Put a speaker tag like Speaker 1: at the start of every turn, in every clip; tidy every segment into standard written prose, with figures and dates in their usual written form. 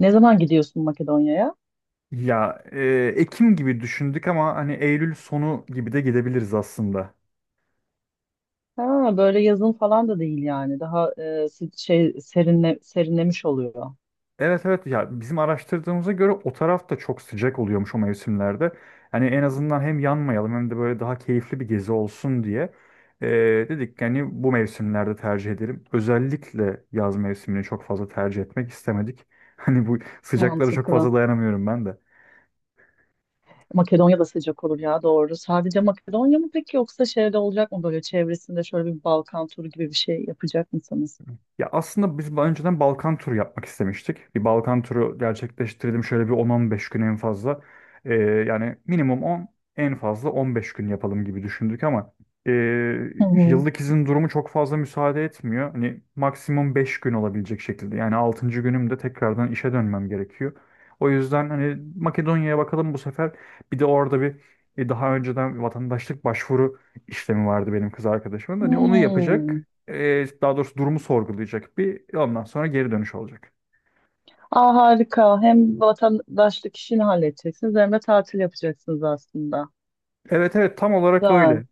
Speaker 1: Ne zaman gidiyorsun Makedonya'ya?
Speaker 2: Ya Ekim gibi düşündük ama hani Eylül sonu gibi de gidebiliriz aslında.
Speaker 1: Ha, böyle yazın falan da değil yani. Daha şey serinlemiş oluyor.
Speaker 2: Evet evet, ya bizim araştırdığımıza göre o taraf da çok sıcak oluyormuş o mevsimlerde. Yani en azından hem yanmayalım hem de böyle daha keyifli bir gezi olsun diye e, dedik yani bu mevsimlerde tercih edelim. Özellikle yaz mevsimini çok fazla tercih etmek istemedik. Hani bu sıcaklara çok
Speaker 1: Mantıklı.
Speaker 2: fazla dayanamıyorum ben de.
Speaker 1: Makedonya da sıcak olur ya, doğru. Sadece Makedonya mı peki, yoksa şeyde olacak mı, böyle çevresinde şöyle bir Balkan turu gibi bir şey yapacak mısınız?
Speaker 2: Ya aslında biz daha önceden Balkan turu yapmak istemiştik. Bir Balkan turu gerçekleştirdim şöyle bir 10-15 gün en fazla. Yani minimum 10, en fazla 15 gün yapalım gibi düşündük ama ee,
Speaker 1: Hı hı.
Speaker 2: yıllık izin durumu çok fazla müsaade etmiyor. Hani maksimum 5 gün olabilecek şekilde. Yani altıncı günümde tekrardan işe dönmem gerekiyor. O yüzden hani Makedonya'ya bakalım bu sefer. Bir de orada bir daha önceden vatandaşlık başvuru işlemi vardı benim kız arkadaşımın. Hani onu
Speaker 1: Hmm.
Speaker 2: yapacak, daha doğrusu durumu sorgulayacak, bir ondan sonra geri dönüş olacak.
Speaker 1: Aa, harika. Hem vatandaşlık işini halledeceksiniz hem de tatil yapacaksınız aslında.
Speaker 2: Evet evet, tam olarak
Speaker 1: Güzel.
Speaker 2: öyle.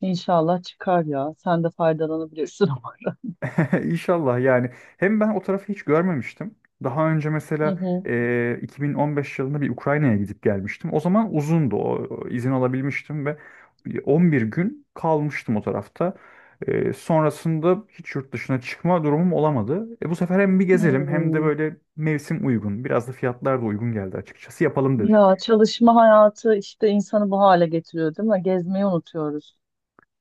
Speaker 1: İnşallah çıkar ya. Sen de faydalanabilirsin ama.
Speaker 2: İnşallah yani. Hem ben o tarafı hiç görmemiştim. Daha önce
Speaker 1: Hı
Speaker 2: mesela
Speaker 1: hı.
Speaker 2: 2015 yılında bir Ukrayna'ya gidip gelmiştim. O zaman uzundu, o izin alabilmiştim ve 11 gün kalmıştım o tarafta. Sonrasında hiç yurt dışına çıkma durumum olamadı. Bu sefer hem bir gezelim hem de
Speaker 1: Hmm.
Speaker 2: böyle mevsim uygun. Biraz da fiyatlar da uygun geldi açıkçası. Yapalım dedik.
Speaker 1: Ya çalışma hayatı işte insanı bu hale getiriyor değil mi? Gezmeyi unutuyoruz.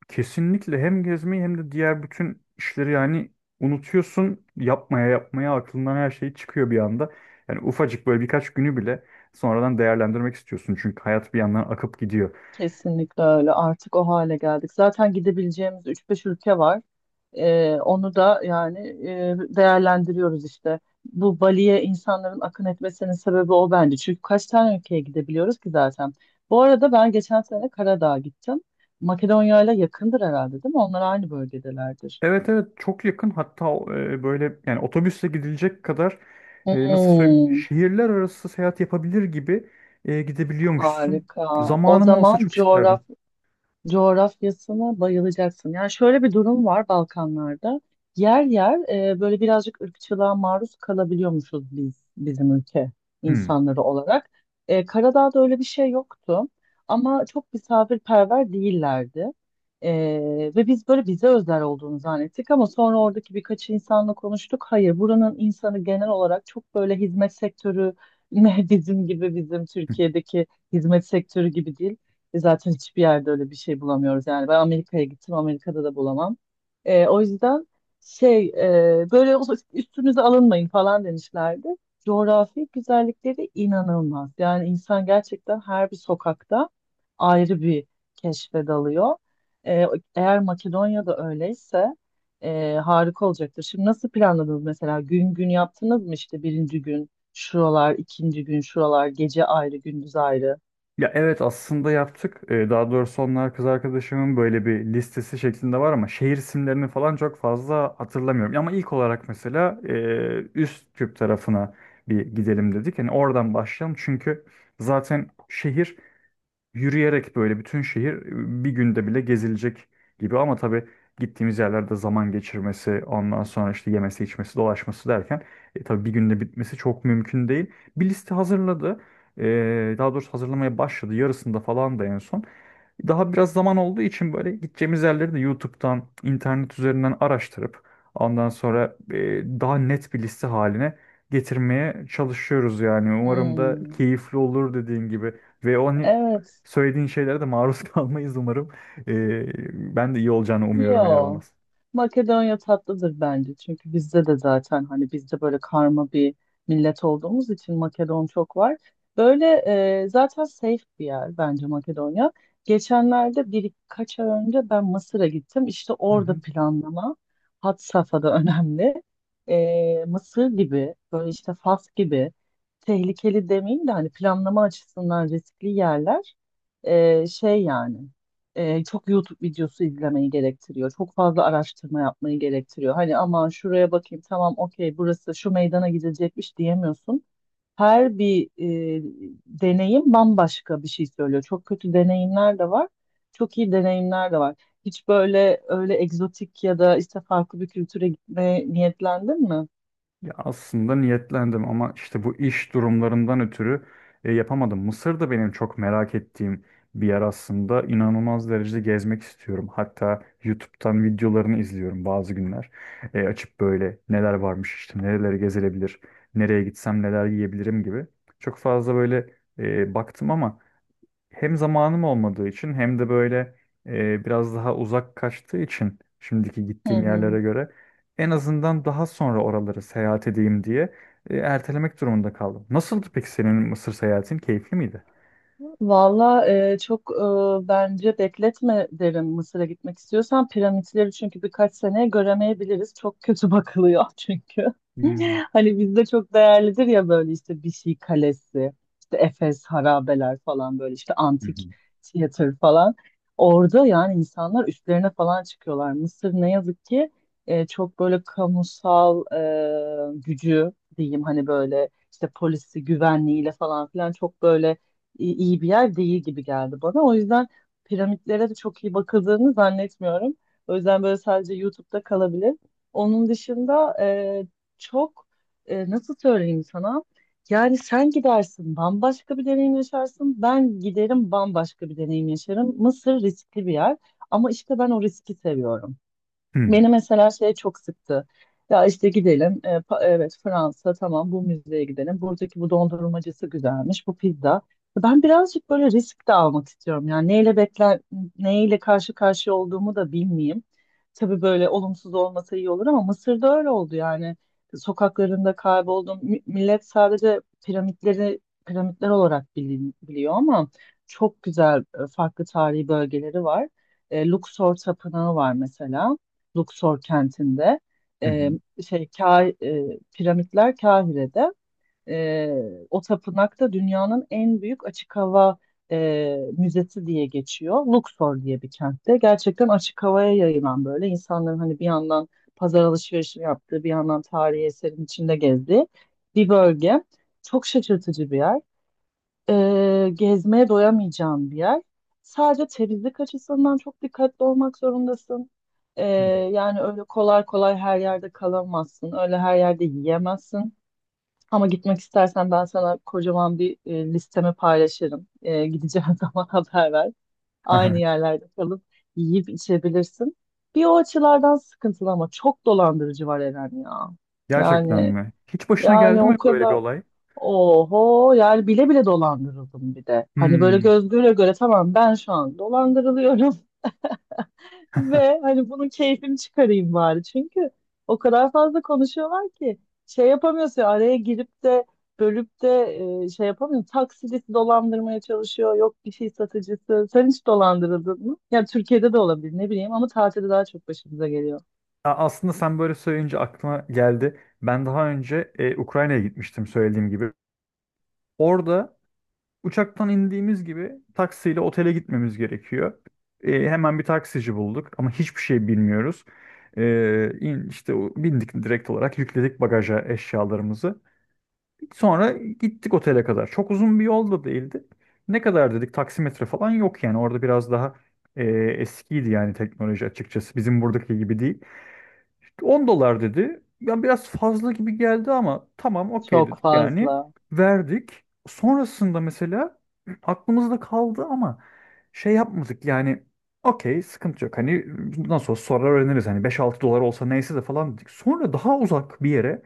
Speaker 2: Kesinlikle, hem gezmeyi hem de diğer bütün işleri yani unutuyorsun, yapmaya yapmaya aklından her şey çıkıyor bir anda. Yani ufacık böyle birkaç günü bile sonradan değerlendirmek istiyorsun çünkü hayat bir yandan akıp gidiyor.
Speaker 1: Kesinlikle öyle. Artık o hale geldik. Zaten gidebileceğimiz üç beş ülke var. Onu da yani değerlendiriyoruz işte. Bu Bali'ye insanların akın etmesinin sebebi o bence. Çünkü kaç tane ülkeye gidebiliyoruz ki zaten. Bu arada ben geçen sene Karadağ'a gittim. Makedonya ile yakındır herhalde değil mi? Onlar aynı bölgedelerdir.
Speaker 2: Evet evet, çok yakın, hatta böyle yani otobüsle gidilecek kadar, nasıl söyleyeyim,
Speaker 1: Hmm.
Speaker 2: şehirler arası seyahat yapabilir gibi gidebiliyormuşsun.
Speaker 1: Harika. O
Speaker 2: Zamanım olsa
Speaker 1: zaman
Speaker 2: çok isterdim.
Speaker 1: coğrafyasına bayılacaksın. Yani şöyle bir durum var Balkanlarda. Yer yer böyle birazcık ırkçılığa maruz kalabiliyormuşuz, biz bizim ülke
Speaker 2: Hmm.
Speaker 1: insanları olarak. Karadağ'da öyle bir şey yoktu ama çok misafirperver değillerdi. E, ve biz böyle bize özel olduğunu zannettik ama sonra oradaki birkaç insanla konuştuk. Hayır, buranın insanı genel olarak çok böyle hizmet sektörü ne bizim gibi, bizim Türkiye'deki hizmet sektörü gibi değil. Zaten hiçbir yerde öyle bir şey bulamıyoruz yani. Ben Amerika'ya gittim, Amerika'da da bulamam. O yüzden şey böyle üstünüze alınmayın falan demişlerdi. Coğrafi güzellikleri inanılmaz. Yani insan gerçekten her bir sokakta ayrı bir keşfe dalıyor. Ee, eğer Makedonya'da öyleyse harika olacaktır. Şimdi nasıl planladınız mesela? Gün gün yaptınız mı, işte birinci gün şuralar, ikinci gün şuralar, gece ayrı, gündüz ayrı?
Speaker 2: Ya evet, aslında yaptık. Daha doğrusu onlar kız arkadaşımın böyle bir listesi şeklinde var ama şehir isimlerini falan çok fazla hatırlamıyorum. Ama ilk olarak mesela üst küp tarafına bir gidelim dedik. Hani oradan başlayalım çünkü zaten şehir. Yürüyerek böyle bütün şehir bir günde bile gezilecek gibi, ama tabii gittiğimiz yerlerde zaman geçirmesi, ondan sonra işte yemesi, içmesi, dolaşması derken tabii bir günde bitmesi çok mümkün değil. Bir liste hazırladı. Daha doğrusu hazırlamaya başladı. Yarısında falan da en son. Daha biraz zaman olduğu için böyle gideceğimiz yerleri de YouTube'dan, internet üzerinden araştırıp ondan sonra daha net bir liste haline getirmeye çalışıyoruz yani. Umarım da
Speaker 1: Hmm.
Speaker 2: keyifli olur dediğin gibi. Ve o hani
Speaker 1: Evet.
Speaker 2: Söylediğin şeylere de maruz kalmayız umarım. Ben de iyi olacağını umuyorum, eğer
Speaker 1: Yo.
Speaker 2: olmaz.
Speaker 1: Makedonya tatlıdır bence. Çünkü bizde de zaten, hani bizde böyle karma bir millet olduğumuz için Makedon çok var. Böyle zaten safe bir yer bence Makedonya. Geçenlerde birkaç ay önce ben Mısır'a gittim. İşte
Speaker 2: Hı
Speaker 1: orada
Speaker 2: hı.
Speaker 1: planlama had safhada önemli. Mısır gibi böyle, işte Fas gibi tehlikeli demeyeyim de hani planlama açısından riskli yerler, şey yani. Çok YouTube videosu izlemeyi gerektiriyor. Çok fazla araştırma yapmayı gerektiriyor. Hani aman şuraya bakayım, tamam okey, burası şu meydana gidecekmiş diyemiyorsun. Her bir e, deneyim bambaşka bir şey söylüyor. Çok kötü deneyimler de var. Çok iyi deneyimler de var. Hiç böyle öyle egzotik ya da işte farklı bir kültüre gitmeye niyetlendin mi?
Speaker 2: Ya aslında niyetlendim ama işte bu iş durumlarından ötürü yapamadım. Mısır da benim çok merak ettiğim bir yer aslında. İnanılmaz derecede gezmek istiyorum. Hatta YouTube'dan videolarını izliyorum bazı günler. Açıp böyle neler varmış, işte nereleri gezilebilir, nereye gitsem neler yiyebilirim gibi. Çok fazla böyle baktım ama hem zamanım olmadığı için hem de böyle biraz daha uzak kaçtığı için şimdiki
Speaker 1: Hı
Speaker 2: gittiğim
Speaker 1: hı.
Speaker 2: yerlere göre, en azından daha sonra oraları seyahat edeyim diye ertelemek durumunda kaldım. Nasıldı peki senin Mısır seyahatin? Keyifli miydi?
Speaker 1: Valla çok bence bekletme derim Mısır'a gitmek istiyorsan. Piramitleri çünkü birkaç sene göremeyebiliriz. Çok kötü bakılıyor çünkü.
Speaker 2: Hmm.
Speaker 1: Hani bizde çok değerlidir ya, böyle işte bir şey kalesi, işte Efes harabeler falan, böyle işte
Speaker 2: Hı
Speaker 1: antik
Speaker 2: hı.
Speaker 1: tiyatro falan. Orada yani insanlar üstlerine falan çıkıyorlar. Mısır ne yazık ki çok böyle kamusal gücü diyeyim, hani böyle işte polisi, güvenliğiyle falan filan çok böyle iyi bir yer değil gibi geldi bana. O yüzden piramitlere de çok iyi bakıldığını zannetmiyorum. O yüzden böyle sadece YouTube'da kalabilir. Onun dışında çok nasıl söyleyeyim sana? Yani sen gidersin bambaşka bir deneyim yaşarsın. Ben giderim bambaşka bir deneyim yaşarım. Mısır riskli bir yer ama işte ben o riski seviyorum.
Speaker 2: Hı hı.
Speaker 1: Beni mesela şey çok sıktı. Ya işte gidelim. Evet Fransa, tamam, bu müzeye gidelim. Buradaki bu dondurmacısı güzelmiş. Bu pizza. Ben birazcık böyle risk de almak istiyorum. Yani neyle bekler, neyle karşı karşıya olduğumu da bilmeyeyim. Tabii böyle olumsuz olmasa iyi olur ama Mısır'da öyle oldu yani. Sokaklarında kayboldum. Millet sadece piramitleri piramitler olarak biliyor, ama çok güzel farklı tarihi bölgeleri var. E, Luxor Tapınağı var mesela. Luxor kentinde.
Speaker 2: Hı hı.
Speaker 1: E, şey piramitler Kahire'de. E, o tapınakta dünyanın en büyük açık hava müzesi diye geçiyor. Luxor diye bir kentte. Gerçekten açık havaya yayılan, böyle insanların hani bir yandan pazar alışverişini yaptığı, bir yandan tarihi eserin içinde gezdiği bir bölge. Çok şaşırtıcı bir yer, gezmeye doyamayacağın bir yer. Sadece temizlik açısından çok dikkatli olmak zorundasın. E, yani öyle kolay kolay her yerde kalamazsın. Öyle her yerde yiyemezsin. Ama gitmek istersen ben sana kocaman bir listemi paylaşırım. Gideceğin zaman haber ver.
Speaker 2: Hı
Speaker 1: Aynı
Speaker 2: hı.
Speaker 1: yerlerde kalıp yiyip içebilirsin. Bir o açılardan sıkıntılı, ama çok dolandırıcı var Eren ya.
Speaker 2: Gerçekten
Speaker 1: Yani
Speaker 2: mi? Hiç başına
Speaker 1: yani
Speaker 2: geldi mi
Speaker 1: o
Speaker 2: böyle bir
Speaker 1: kadar.
Speaker 2: olay?
Speaker 1: Oho, yani bile bile dolandırıldım bir de. Hani böyle
Speaker 2: Hmm.
Speaker 1: göz göre göre, tamam ben şu an dolandırılıyorum ve hani bunun keyfini çıkarayım bari. Çünkü o kadar fazla konuşuyorlar ki şey yapamıyorsun ya, araya girip de, bölüp de şey yapamıyorsun. Taksicisi dolandırmaya çalışıyor, yok bir şey satıcısı. Sen hiç dolandırıldın mı? Ya Türkiye'de de olabilir, ne bileyim, ama tatilde daha çok başımıza geliyor.
Speaker 2: Aslında sen böyle söyleyince aklıma geldi. Ben daha önce Ukrayna'ya gitmiştim söylediğim gibi. Orada uçaktan indiğimiz gibi taksiyle otele gitmemiz gerekiyor. Hemen bir taksici bulduk ama hiçbir şey bilmiyoruz. İşte bindik, direkt olarak yükledik bagaja eşyalarımızı. Sonra gittik otele kadar. Çok uzun bir yol da değildi. Ne kadar dedik, taksimetre falan yok yani, orada biraz daha eskiydi yani teknoloji, açıkçası bizim buradaki gibi değil. İşte 10 dolar dedi. Ben biraz fazla gibi geldi ama tamam, okey
Speaker 1: Çok
Speaker 2: dedik yani.
Speaker 1: fazla.
Speaker 2: Verdik. Sonrasında mesela aklımızda kaldı ama şey yapmadık yani, okey, sıkıntı yok. Hani nasıl olsa sonra öğreniriz. Hani 5-6 dolar olsa neyse de falan dedik. Sonra daha uzak bir yere,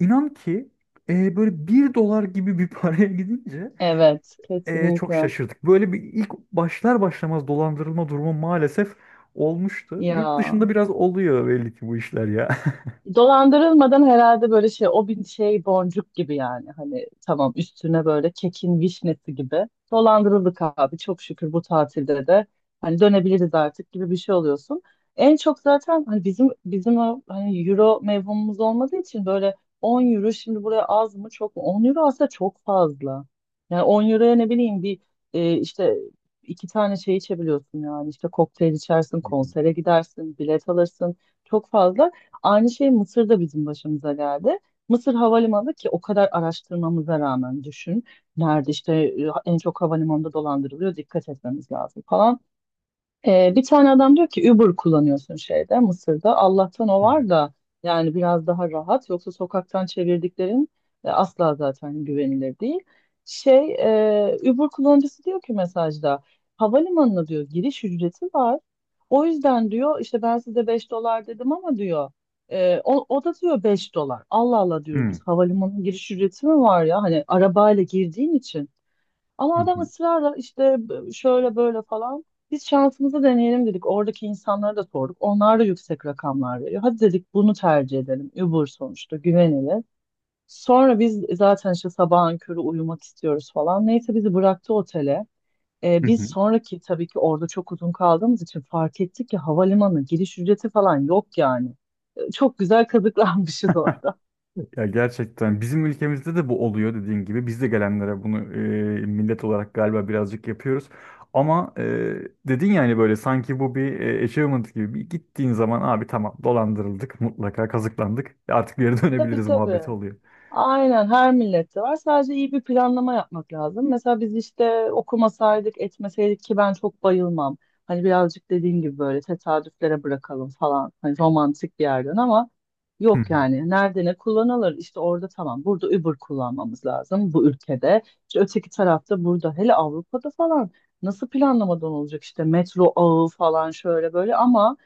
Speaker 2: inan ki böyle bir dolar gibi bir paraya gidince
Speaker 1: Evet,
Speaker 2: çok
Speaker 1: kesinlikle.
Speaker 2: şaşırdık. Böyle bir ilk, başlar başlamaz dolandırılma durumu maalesef olmuştu.
Speaker 1: Ya.
Speaker 2: Yurt dışında biraz oluyor belli ki bu işler ya.
Speaker 1: Dolandırılmadan herhalde, böyle şey o bir şey boncuk gibi, yani hani tamam, üstüne böyle kekin vişnesi gibi dolandırıldık abi çok şükür, bu tatilde de hani dönebiliriz artık gibi bir şey oluyorsun. En çok zaten hani bizim o hani euro mevhumumuz olmadığı için böyle, 10 euro şimdi buraya az mı çok mu, 10 euro aslında çok fazla. Yani 10 euroya, ne bileyim, bir işte iki tane şey içebiliyorsun, yani işte kokteyl içersin,
Speaker 2: Hı hı.
Speaker 1: konsere gidersin, bilet alırsın, çok fazla. Aynı şey Mısır'da bizim başımıza geldi. Mısır havalimanı, ki o kadar araştırmamıza rağmen, düşün. Nerede işte en çok havalimanında dolandırılıyor, dikkat etmemiz lazım falan. Bir tane adam diyor ki, Uber kullanıyorsun şeyde, Mısır'da. Allah'tan o
Speaker 2: Hı hı.
Speaker 1: var da yani biraz daha rahat. Yoksa sokaktan çevirdiklerin asla zaten güvenilir değil. Şey Uber kullanıcısı diyor ki mesajda, havalimanına diyor giriş ücreti var. O yüzden diyor işte, ben size 5 dolar dedim ama diyor o da diyor 5 dolar. Allah Allah diyoruz, biz havalimanının giriş ücreti mi var ya, hani arabayla girdiğin için. Ama
Speaker 2: Hı
Speaker 1: adam
Speaker 2: hı.
Speaker 1: ısrarla işte, şöyle böyle falan. Biz şansımızı deneyelim dedik. Oradaki insanlara da sorduk. Onlar da yüksek rakamlar veriyor. Hadi dedik bunu tercih edelim. Uber sonuçta güvenilir. Sonra biz zaten işte sabahın körü uyumak istiyoruz falan. Neyse bizi bıraktı otele.
Speaker 2: Hı
Speaker 1: Biz
Speaker 2: hı.
Speaker 1: sonraki, tabii ki orada çok uzun kaldığımız için fark ettik ki havalimanı giriş ücreti falan yok yani. Çok güzel kazıklanmışız orada.
Speaker 2: Evet. Ya gerçekten bizim ülkemizde de bu oluyor dediğin gibi. Biz de gelenlere bunu millet olarak galiba birazcık yapıyoruz. Ama dedin yani, böyle sanki bu bir achievement gibi. Bir gittiğin zaman, abi tamam dolandırıldık, mutlaka kazıklandık, artık geri
Speaker 1: Tabii
Speaker 2: dönebiliriz
Speaker 1: tabii.
Speaker 2: muhabbeti oluyor.
Speaker 1: Aynen, her millette var. Sadece iyi bir planlama yapmak lazım. Mesela biz işte okumasaydık, etmeseydik ki, ben çok bayılmam. Hani birazcık, dediğim gibi, böyle tesadüflere bırakalım falan, hani romantik bir yerden, ama
Speaker 2: Hı
Speaker 1: yok
Speaker 2: hı.
Speaker 1: yani. Nerede ne kullanılır? İşte orada tamam. Burada Uber kullanmamız lazım bu ülkede. İşte öteki tarafta, burada, hele Avrupa'da falan nasıl planlamadan olacak, işte metro ağı falan şöyle böyle, ama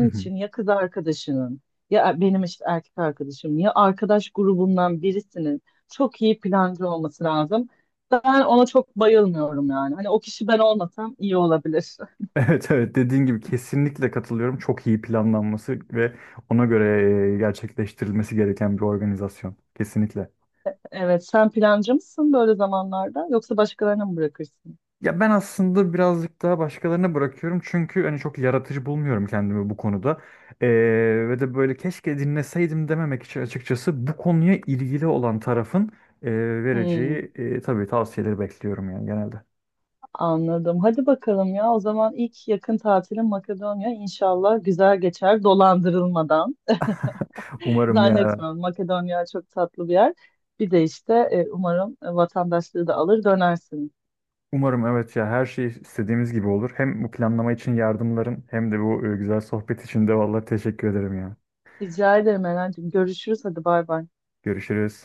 Speaker 2: Hı hı.
Speaker 1: için ya kız arkadaşının ya benim işte erkek arkadaşım ya arkadaş grubundan birisinin çok iyi plancı olması lazım. Ben ona çok bayılmıyorum yani. Hani o kişi ben olmasam iyi olabilir.
Speaker 2: Evet evet, dediğin gibi kesinlikle katılıyorum. Çok iyi planlanması ve ona göre gerçekleştirilmesi gereken bir organizasyon. Kesinlikle.
Speaker 1: Evet, sen plancı mısın böyle zamanlarda, yoksa başkalarına mı bırakırsın?
Speaker 2: Ya ben aslında birazcık daha başkalarına bırakıyorum çünkü hani çok yaratıcı bulmuyorum kendimi bu konuda. Ee, Ve de böyle keşke dinleseydim dememek için, açıkçası bu konuya ilgili olan tarafın e,
Speaker 1: Hmm,
Speaker 2: vereceği tabii tavsiyeleri bekliyorum yani genelde.
Speaker 1: anladım. Hadi bakalım ya. O zaman ilk yakın tatilim Makedonya, İnşallah güzel geçer, dolandırılmadan.
Speaker 2: Umarım ya,
Speaker 1: Zannetmiyorum. Makedonya çok tatlı bir yer. Bir de işte umarım vatandaşlığı da alır dönersin.
Speaker 2: umarım evet, ya her şey istediğimiz gibi olur. Hem bu planlama için yardımların hem de bu güzel sohbet için de vallahi teşekkür ederim ya.
Speaker 1: Rica ederim Eren'cim. Görüşürüz. Hadi bay bay.
Speaker 2: Görüşürüz.